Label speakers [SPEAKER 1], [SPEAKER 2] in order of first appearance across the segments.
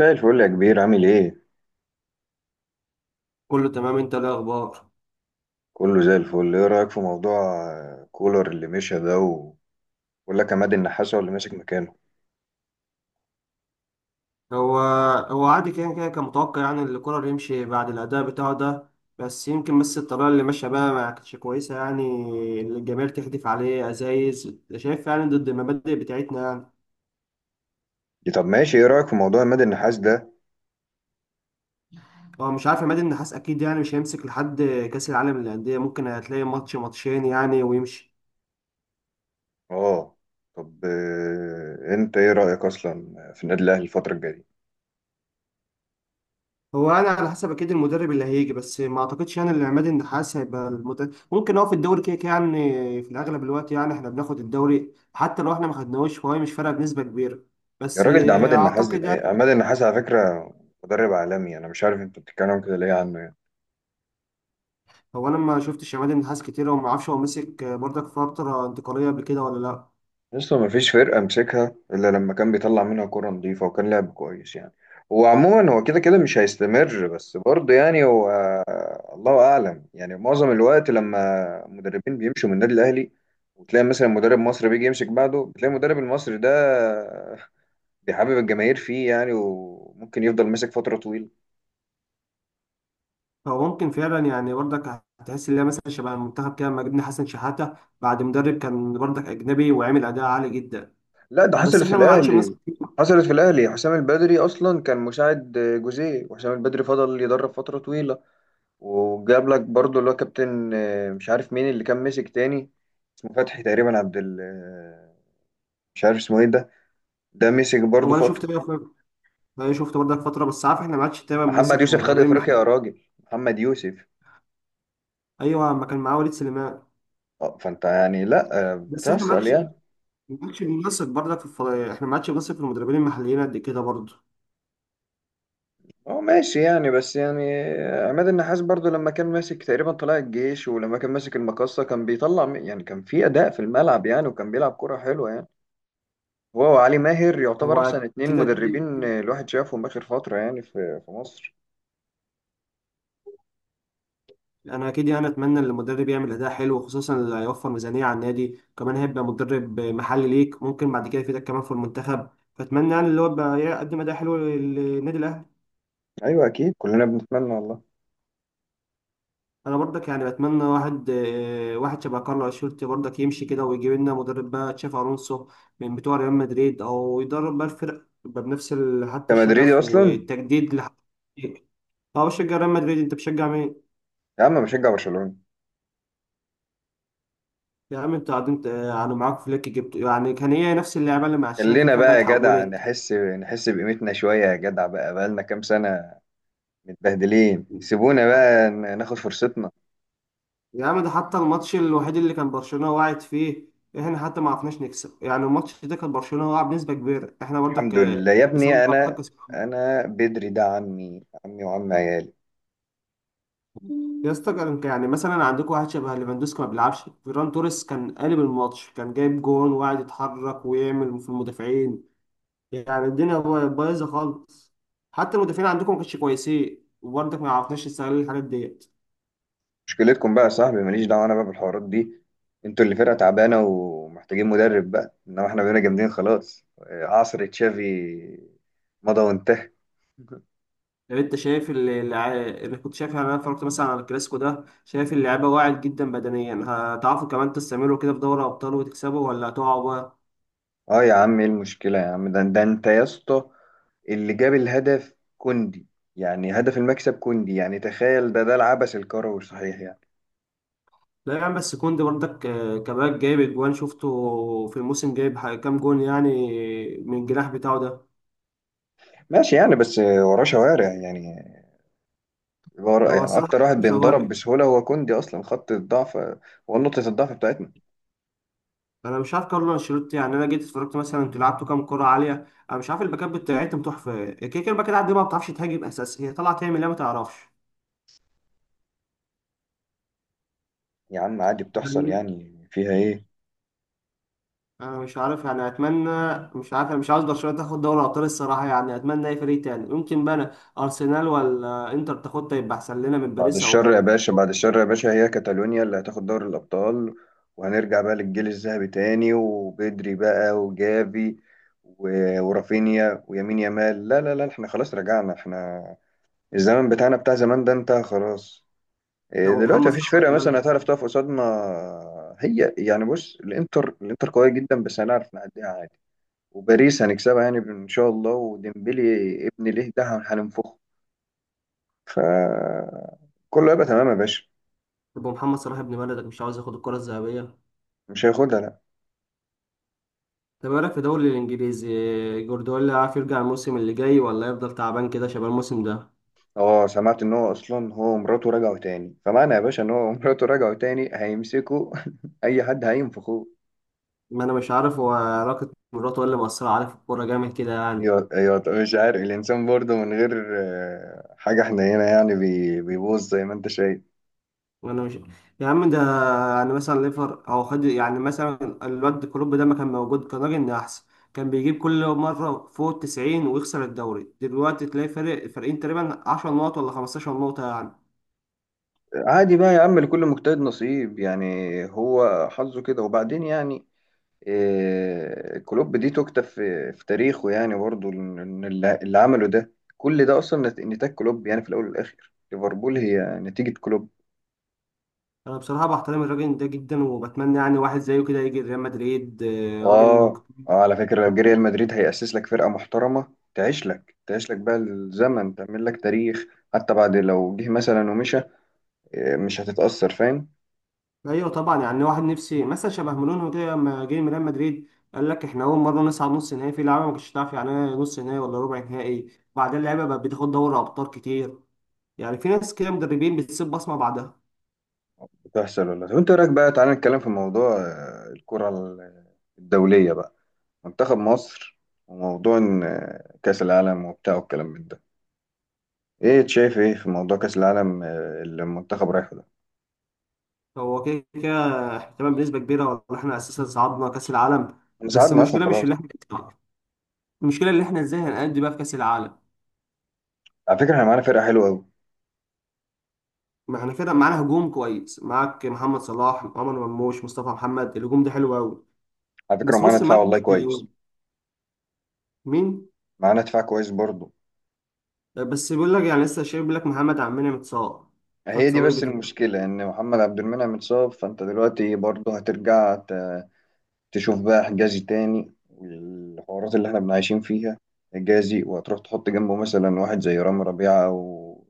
[SPEAKER 1] زي الفل يا كبير، عامل ايه؟
[SPEAKER 2] كله تمام، انت ايه الاخبار؟
[SPEAKER 1] كله زي الفل. ايه رأيك في موضوع كولر اللي مشى ده ولا كان عماد النحاس هو اللي ماسك مكانه؟
[SPEAKER 2] هو هو عادي كده كده، كان متوقع يعني ان كولر يمشي بعد الاداء بتاعه ده. بس يمكن بس الطريقه اللي ماشيه بقى ما كانتش كويسه يعني، اللي الجماهير تحدف عليه ازايز، شايف؟ يعني ضد المبادئ بتاعتنا يعني.
[SPEAKER 1] دي طب ماشي. ايه رأيك في موضوع عماد النحاس ده؟
[SPEAKER 2] هو مش عارف، عماد النحاس اكيد يعني مش هيمسك لحد كاس العالم للانديه، ممكن هتلاقي ماتش ماتشين يعني ويمشي.
[SPEAKER 1] اه. طب انت ايه رأيك اصلا في النادي الاهلي الفترة الجاية؟
[SPEAKER 2] هو انا على حسب اكيد المدرب اللي هيجي، بس ما اعتقدش يعني ان عماد النحاس هيبقى المدرب، ممكن هو في الدوري كده كده يعني. في الاغلب الوقت يعني احنا بناخد الدوري، حتى لو احنا ما خدناهوش فهو مش فارقه بنسبه كبيره.
[SPEAKER 1] يا
[SPEAKER 2] بس
[SPEAKER 1] راجل، ده عماد النحاس،
[SPEAKER 2] اعتقد يعني.
[SPEAKER 1] عماد النحاس على فكرة مدرب عالمي، انا مش عارف انت بتتكلم كده ليه عنه.
[SPEAKER 2] هو انا ما شفتش عماد النحاس كتير، وما اعرفش هو مسك برضك فتره انتقاليه قبل كده ولا لا.
[SPEAKER 1] لسه ما فيش فرقة مسكها إلا لما كان بيطلع منها كرة نظيفة وكان لعب كويس يعني. هو عموما هو كده كده مش هيستمر، بس برضه يعني هو الله أعلم. يعني معظم الوقت لما مدربين بيمشوا من النادي الأهلي وتلاقي مثلا مدرب مصري بيجي يمسك بعده، بتلاقي المدرب المصري ده بيحبب الجماهير فيه يعني، وممكن يفضل ماسك فترة طويلة.
[SPEAKER 2] فهو ممكن فعلا يعني برضك هتحس ان هي مثلا شبه المنتخب كده لما جبنا حسن شحاته بعد مدرب كان برضك اجنبي وعمل اداء عالي جدا،
[SPEAKER 1] لا ده
[SPEAKER 2] بس
[SPEAKER 1] حصلت في
[SPEAKER 2] احنا ما عادش
[SPEAKER 1] الأهلي،
[SPEAKER 2] بنسبه.
[SPEAKER 1] حصلت في الأهلي. حسام البدري أصلا كان مساعد جوزيه، وحسام البدري فضل يدرب فترة طويلة. وجاب لك برضو اللي هو كابتن، مش عارف مين اللي كان مسك تاني. اسمه فتحي تقريبا، عبد ال آه، مش عارف اسمه ايه ده. ده مسك برضو
[SPEAKER 2] هو انا
[SPEAKER 1] فتره.
[SPEAKER 2] شفت، ده شفته برضك فترة بس عارف احنا ما عادش دايما
[SPEAKER 1] محمد
[SPEAKER 2] بنثق في
[SPEAKER 1] يوسف خد
[SPEAKER 2] المدربين، ما
[SPEAKER 1] افريقيا،
[SPEAKER 2] احنا-
[SPEAKER 1] يا راجل، محمد يوسف.
[SPEAKER 2] ايوه ما كان معاه وليد سليمان.
[SPEAKER 1] اه فانت يعني لا،
[SPEAKER 2] بس احنا ما
[SPEAKER 1] بتحصل
[SPEAKER 2] عادش،
[SPEAKER 1] يعني.
[SPEAKER 2] ما عادش بنثق برضك احنا ما عادش بنثق في المدربين المحليين قد كده برضه.
[SPEAKER 1] اه ماشي يعني، بس يعني عماد النحاس برضو لما كان ماسك تقريبا طلائع الجيش، ولما كان ماسك المقصة كان يعني كان في أداء في الملعب يعني، وكان بيلعب كرة حلوة يعني. هو وعلي ماهر يعتبر
[SPEAKER 2] هو
[SPEAKER 1] أحسن اتنين
[SPEAKER 2] كده،
[SPEAKER 1] مدربين، الواحد شافهم آخر فترة يعني في مصر.
[SPEAKER 2] انا اكيد يعني اتمنى ان المدرب يعمل اداء حلو، خصوصا اللي هيوفر ميزانية على النادي، كمان هيبقى مدرب محلي ليك ممكن بعد كده يفيدك كمان في المنتخب، فاتمنى يعني اللي هو يبقى يقدم اداء حلو للنادي الاهلي.
[SPEAKER 1] ايوه اكيد كلنا بنتمنى والله.
[SPEAKER 2] انا برضك يعني بتمنى واحد، واحد شبه كارلو انشيلوتي برضك يمشي كده ويجيب لنا مدرب بقى تشافي الونسو من بتوع ريال مدريد، او يدرب بقى الفرق يبقى بنفس حتى
[SPEAKER 1] كمدريدي
[SPEAKER 2] الشغف
[SPEAKER 1] اصلا.
[SPEAKER 2] والتجديد اه بشجع ريال مدريد، انت بتشجع مين؟
[SPEAKER 1] يا عم بشجع برشلونه.
[SPEAKER 2] يا عم انت قاعدين يعني معاك فليك، جبت يعني كان هي نفس اللعبه اللي مع تشافي
[SPEAKER 1] خلينا
[SPEAKER 2] فجاه
[SPEAKER 1] بقى يا جدع
[SPEAKER 2] اتحولت.
[SPEAKER 1] نحس بقيمتنا شويه يا جدع، بقى بقالنا كام سنه متبهدلين. سيبونا بقى ناخد فرصتنا.
[SPEAKER 2] يا عم ده حتى الماتش الوحيد اللي كان برشلونه واعد فيه، احنا حتى ما عرفناش نكسب يعني. الماتش ده كان برشلونه واقع بنسبه كبيره، احنا برضك
[SPEAKER 1] الحمد لله يا
[SPEAKER 2] بسبب
[SPEAKER 1] ابني. انا
[SPEAKER 2] غلطات كسبنا.
[SPEAKER 1] انا بدري، ده عمي عمي وعم عيالي.
[SPEAKER 2] يا اسطى كان يعني مثلا عندكم واحد شبه ليفاندوسكي ما بيلعبش، فيران توريس كان قالب الماتش، كان جايب جون وقاعد يتحرك ويعمل في المدافعين، يعني الدنيا بايظه خالص، حتى المدافعين عندكم ما كانش كويسين، وبرضك ما عرفناش نستغل الحاجات ديت.
[SPEAKER 1] مشكلتكم بقى يا صاحبي، ماليش دعوه انا بقى بالحوارات دي. انتوا اللي فرقه تعبانه ومحتاجين مدرب بقى، انما احنا بقينا جامدين. خلاص، عصر تشافي مضى وانتهى.
[SPEAKER 2] لو انت شايف انا كنت شايف يعني، انا اتفرجت مثلا على الكلاسيكو ده، شايف اللعيبه واعد جدا بدنيا، هتعرفوا كمان تستمروا كده في دوري ابطال وتكسبوا ولا هتقعوا بقى؟
[SPEAKER 1] اه يا عم ايه المشكلة يا عم، ده انت يا اسطى اللي جاب الهدف كوندي. يعني هدف المكسب كوندي، يعني تخيل. ده العبث الكروي صحيح يعني.
[SPEAKER 2] لا يا عم بس كوندي برضك، كمان جايب اجوان، شفته في الموسم جايب كام جون يعني من الجناح بتاعه ده.
[SPEAKER 1] ماشي يعني، بس وراه شوارع يعني. ورا
[SPEAKER 2] هو
[SPEAKER 1] يعني اكتر
[SPEAKER 2] الصراحه
[SPEAKER 1] واحد
[SPEAKER 2] مش
[SPEAKER 1] بينضرب
[SPEAKER 2] هواري.
[SPEAKER 1] بسهولة هو كوندي، اصلا خط الضعف، هو نقطة الضعف بتاعتنا.
[SPEAKER 2] انا مش عارف كارلو انشيلوتي يعني، انا جيت اتفرجت مثلا، انتوا لعبتوا كام كره عاليه، انا مش عارف الباكات بتاعتهم تحفه، كده كده الباكات عندي ما بتعرفش تهاجم، اساس هي طالعه تعمل ايه ما تعرفش.
[SPEAKER 1] يا عم عادي بتحصل
[SPEAKER 2] يعني
[SPEAKER 1] يعني، فيها ايه.
[SPEAKER 2] انا مش عارف يعني اتمنى، مش عارف، انا مش عاوز برشلونه تاخد دوري ابطال الصراحه، يعني اتمنى اي فريق تاني يمكن بقى، أنا ارسنال ولا انتر تاخدها يبقى احسن لنا من
[SPEAKER 1] بعد
[SPEAKER 2] باريس،
[SPEAKER 1] الشر يا
[SPEAKER 2] او
[SPEAKER 1] باشا، بعد الشر يا باشا. هي كاتالونيا اللي هتاخد دوري الأبطال، وهنرجع بقى للجيل الذهبي تاني. وبدري بقى وجافي ورافينيا ويمين يامال. لا لا لا، احنا خلاص رجعنا. احنا الزمن بتاعنا بتاع زمان ده انتهى خلاص.
[SPEAKER 2] او
[SPEAKER 1] دلوقتي
[SPEAKER 2] محمد
[SPEAKER 1] مفيش
[SPEAKER 2] صلاح.
[SPEAKER 1] فرقة مثلا هتعرف تقف قصادنا. هي يعني بص، الانتر قوية جدا بس هنعرف نعديها عادي. وباريس هنكسبها يعني ان شاء الله. وديمبلي ابن ليه ده هننفخه. ف كله هيبقى تمام يا باشا.
[SPEAKER 2] يبقى محمد صلاح ابن بلدك مش عاوز ياخد الكرة الذهبية؟
[SPEAKER 1] مش هياخدها لا.
[SPEAKER 2] طب ايه رأيك في الدوري الانجليزي، جوارديولا عارف يرجع الموسم اللي جاي ولا يفضل تعبان كده شباب الموسم ده؟
[SPEAKER 1] اه سمعت ان هو اصلا هو ومراته رجعوا تاني، فمعنى يا باشا ان هو ومراته رجعوا تاني هيمسكوا. اي حد هينفخوه.
[SPEAKER 2] ما انا مش عارف هو علاقة مراته ولا مأثرة عليه في الكورة جامد كده يعني.
[SPEAKER 1] ايوه ايوه، طب مش عارف الانسان برضه من غير حاجه، احنا هنا يعني بيبوظ زي ما انت شايف.
[SPEAKER 2] انا مش، يا عم ده يعني مثلا ليفر او خد يعني مثلا الواد كلوب ده، ما كان موجود كان راجل إن احسن، كان بيجيب كل مرة فوق ال90 ويخسر الدوري، دلوقتي تلاقي فرق فرقين تقريبا 10 نقط ولا 15 نقطة يعني.
[SPEAKER 1] عادي بقى يا عم، لكل مجتهد نصيب يعني. هو حظه كده وبعدين يعني. كلوب دي تكتب في تاريخه يعني، برضه إن اللي عمله ده كل ده اصلا نتاج كلوب. يعني في الاول والاخر ليفربول هي نتيجه كلوب.
[SPEAKER 2] انا بصراحه بحترم الراجل ده جدا، وبتمنى يعني واحد زيه كده يجي ريال مدريد، آه، راجل
[SPEAKER 1] اه.
[SPEAKER 2] مجتهد.
[SPEAKER 1] اه على فكرة لو جه ريال مدريد هيأسس لك فرقة محترمة، تعيش لك تعيش لك بقى الزمن، تعمل لك تاريخ. حتى بعد لو جه مثلا ومشى مش هتتأثر، فاهم.
[SPEAKER 2] ايوه طبعا، يعني واحد نفسي مثلا شبه مورينيو كده لما جه من ريال مدريد، قال لك احنا اول مره نصعد نص نهائي، في لعيبه ما كانتش تعرف يعني ايه نص نهائي ولا ربع نهائي، وبعدين اللعيبه بقت بتاخد دوري ابطال كتير، يعني في ناس كده مدربين بتسيب بصمه بعدها.
[SPEAKER 1] بتحصل ولا. طب انت رأيك، بقى تعالى نتكلم في موضوع الكرة الدولية بقى. منتخب مصر. وموضوع إن، آه، كأس العالم وبتاع، والكلام من ده. ايه شايف ايه في موضوع كأس العالم اللي المنتخب رايحه ده.
[SPEAKER 2] هو كده كده احنا تمام بنسبه كبيره، ولا احنا اساسا صعدنا كاس العالم،
[SPEAKER 1] احنا
[SPEAKER 2] بس
[SPEAKER 1] ساعدنا اصلا
[SPEAKER 2] المشكله مش
[SPEAKER 1] خلاص.
[SPEAKER 2] اللي احنا، المشكله اللي احنا ازاي هنأدي بقى في كاس العالم.
[SPEAKER 1] على فكرة احنا معانا فرقة حلوة قوي.
[SPEAKER 2] ما احنا كده معانا هجوم كويس، معاك محمد صلاح، عمر مرموش، مصطفى محمد، الهجوم ده حلو قوي،
[SPEAKER 1] على فكرة
[SPEAKER 2] بس
[SPEAKER 1] معانا
[SPEAKER 2] نص
[SPEAKER 1] دفاع
[SPEAKER 2] الملعب مش
[SPEAKER 1] والله كويس.
[SPEAKER 2] مليون. مين؟
[SPEAKER 1] معانا دفاع كويس برضه.
[SPEAKER 2] بس بيقول لك يعني لسه شايف، بيقول لك محمد عمنا متصاب، خد
[SPEAKER 1] هي دي بس
[SPEAKER 2] صليبي تبقى.
[SPEAKER 1] المشكلة إن محمد عبد المنعم اتصاب، فأنت دلوقتي برضه هترجع تشوف بقى حجازي تاني والحوارات اللي إحنا بنعيشين فيها. حجازي، وهتروح تحط جنبه مثلا واحد زي رامي ربيعة أو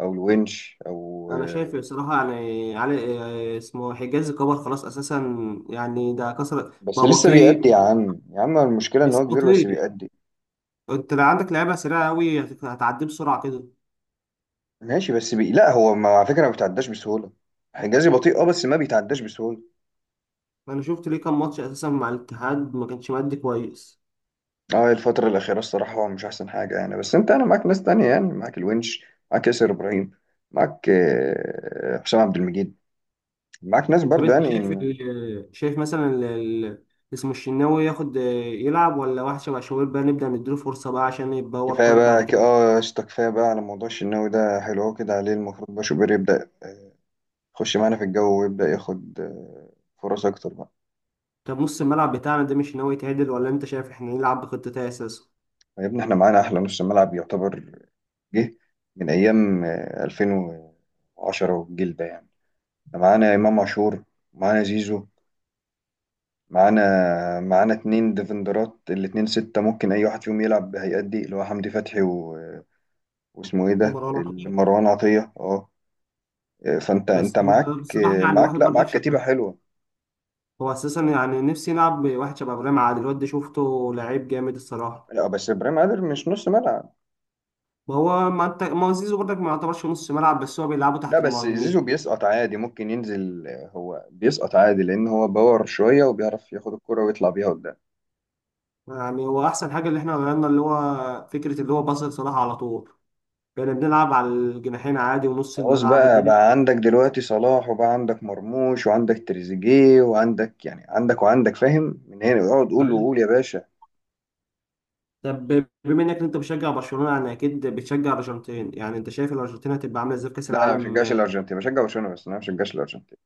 [SPEAKER 1] أو الونش أو.
[SPEAKER 2] انا شايف بصراحه يعني علي، آه، اسمه حجاز كبر خلاص اساسا، يعني ده كسر،
[SPEAKER 1] بس
[SPEAKER 2] بقى
[SPEAKER 1] لسه بيأدي
[SPEAKER 2] بطيء،
[SPEAKER 1] يا عم، يا عم المشكلة إن
[SPEAKER 2] بس
[SPEAKER 1] هو كبير بس
[SPEAKER 2] بطيء.
[SPEAKER 1] بيأدي.
[SPEAKER 2] انت لو عندك لعيبه سريعه قوي هتعدي بسرعه كده.
[SPEAKER 1] ماشي بس لا هو ما، على فكرة ما بيتعداش بسهولة. حجازي بطيء أه بس ما بيتعداش بسهولة.
[SPEAKER 2] انا شفت ليه كام ماتش اساسا مع الاتحاد ما كانش مادي كويس.
[SPEAKER 1] اه الفترة الأخيرة الصراحة هو مش أحسن حاجة يعني، بس أنت أنا معاك ناس تانية يعني، معاك الونش، معاك ياسر إبراهيم، معاك حسام عبد المجيد، معاك ناس
[SPEAKER 2] طب
[SPEAKER 1] برضه
[SPEAKER 2] انت
[SPEAKER 1] يعني.
[SPEAKER 2] شايف شايف مثلا اسمه الشناوي ياخد يلعب، ولا واحد شبه شوبير بقى نبدأ نديله فرصة بقى عشان يبقى
[SPEAKER 1] كفاية
[SPEAKER 2] ورقات بعد
[SPEAKER 1] بقى
[SPEAKER 2] كده؟
[SPEAKER 1] اه يا اسطى كفاية بقى على موضوع الشناوي ده. حلو أوي كده عليه. المفروض بقى شوبير يبدأ يخش معانا في الجو ويبدأ ياخد فرص أكتر بقى.
[SPEAKER 2] طب نص الملعب بتاعنا ده مش ناوي يتعدل، ولا انت شايف احنا نلعب بخطتين اساسا؟
[SPEAKER 1] يا ابني احنا معانا أحلى نص ملعب يعتبر. جه من أيام 2010 والجيل ده يعني. احنا معانا إمام عاشور، معانا زيزو، معانا اتنين ديفندرات. الاتنين ستة ممكن أي واحد فيهم يلعب بهيئات دي، اللي هو حمدي فتحي و... واسمه إيه ده،
[SPEAKER 2] مروان عطية.
[SPEAKER 1] مروان عطية أه. فأنت
[SPEAKER 2] بس
[SPEAKER 1] أنت معاك
[SPEAKER 2] هو بصراحة يعني واحد
[SPEAKER 1] معاك لا،
[SPEAKER 2] برضك
[SPEAKER 1] معاك كتيبة
[SPEAKER 2] شبه،
[SPEAKER 1] حلوة.
[SPEAKER 2] هو اساسا يعني نفسي نلعب بواحد شبه ابراهيم عادل، الواد ده شفته لعيب جامد الصراحة.
[SPEAKER 1] لا بس إبراهيم عادل مش نص ملعب.
[SPEAKER 2] وهو ما انت ما هو زيزو برضك ما يعتبرش نص ملعب، بس هو بيلعبه
[SPEAKER 1] لا
[SPEAKER 2] تحت
[SPEAKER 1] بس زيزو
[SPEAKER 2] المهاجمين.
[SPEAKER 1] بيسقط عادي، ممكن ينزل. هو بيسقط عادي لأن هو باور شوية، وبيعرف ياخد الكرة ويطلع بيها قدام.
[SPEAKER 2] يعني هو احسن حاجة اللي احنا غيرنا اللي هو فكرة اللي هو باص لصلاح على طول، كنا بنلعب على الجناحين عادي ونص
[SPEAKER 1] خلاص،
[SPEAKER 2] الملعب
[SPEAKER 1] بقى
[SPEAKER 2] والدنيا.
[SPEAKER 1] بقى عندك دلوقتي صلاح، وبقى عندك مرموش، وعندك تريزيجيه، وعندك يعني عندك وعندك، فاهم. من هنا اقعد قول
[SPEAKER 2] تمام،
[SPEAKER 1] وقول يا باشا.
[SPEAKER 2] طب بما انك انت بتشجع برشلونه يعني اكيد بتشجع الارجنتين يعني، انت شايف الارجنتين هتبقى عامله ازاي في كاس
[SPEAKER 1] لا انا ما
[SPEAKER 2] العالم؟
[SPEAKER 1] بشجعش الارجنتين، بشجع برشلونه بس. انا ما بشجعش الارجنتين،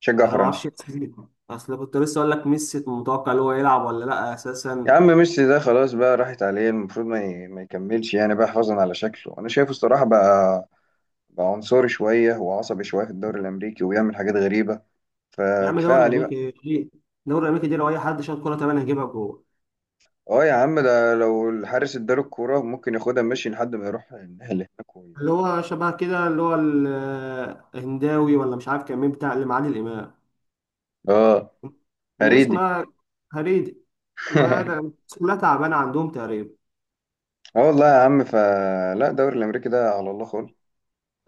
[SPEAKER 1] بشجع
[SPEAKER 2] انا ما
[SPEAKER 1] فرنسا.
[SPEAKER 2] اعرفش اصل كنت لسه اقول لك ميسي متوقع اللي هو يلعب ولا لا
[SPEAKER 1] يا
[SPEAKER 2] اساسا.
[SPEAKER 1] عم ميسي ده خلاص بقى، راحت عليه. المفروض ما يكملش يعني بقى، حفاظا على شكله انا شايفه الصراحه. بقى عنصري شويه وعصبي شويه في الدوري الامريكي، وبيعمل حاجات غريبه.
[SPEAKER 2] يا عم
[SPEAKER 1] فكفايه
[SPEAKER 2] دوري
[SPEAKER 1] عليه بقى.
[SPEAKER 2] امريكي دوري امريكي دي لو اي حد شاط كوره تمام هيجيبها جوه.
[SPEAKER 1] اه يا عم، ده لو الحارس اداله الكوره ممكن ياخدها ماشي لحد ما يروح النهائي اللي هناك
[SPEAKER 2] اللي هو شبه كده، اللي هو الهنداوي، ولا مش عارف كان مين بتاع اللي معادي الامام،
[SPEAKER 1] اه.
[SPEAKER 2] الناس
[SPEAKER 1] هريدي.
[SPEAKER 2] ما، هريدي، ما كلها تعبانه عندهم تقريبا.
[SPEAKER 1] اه والله يا عم، فلا الدوري الامريكي ده على الله خالص.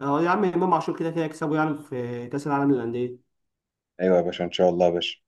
[SPEAKER 2] اه يا عم امام عاشور كده كده يكسبه يعني في كاس العالم للانديه.
[SPEAKER 1] ايوه يا باشا ان شاء الله يا باشا.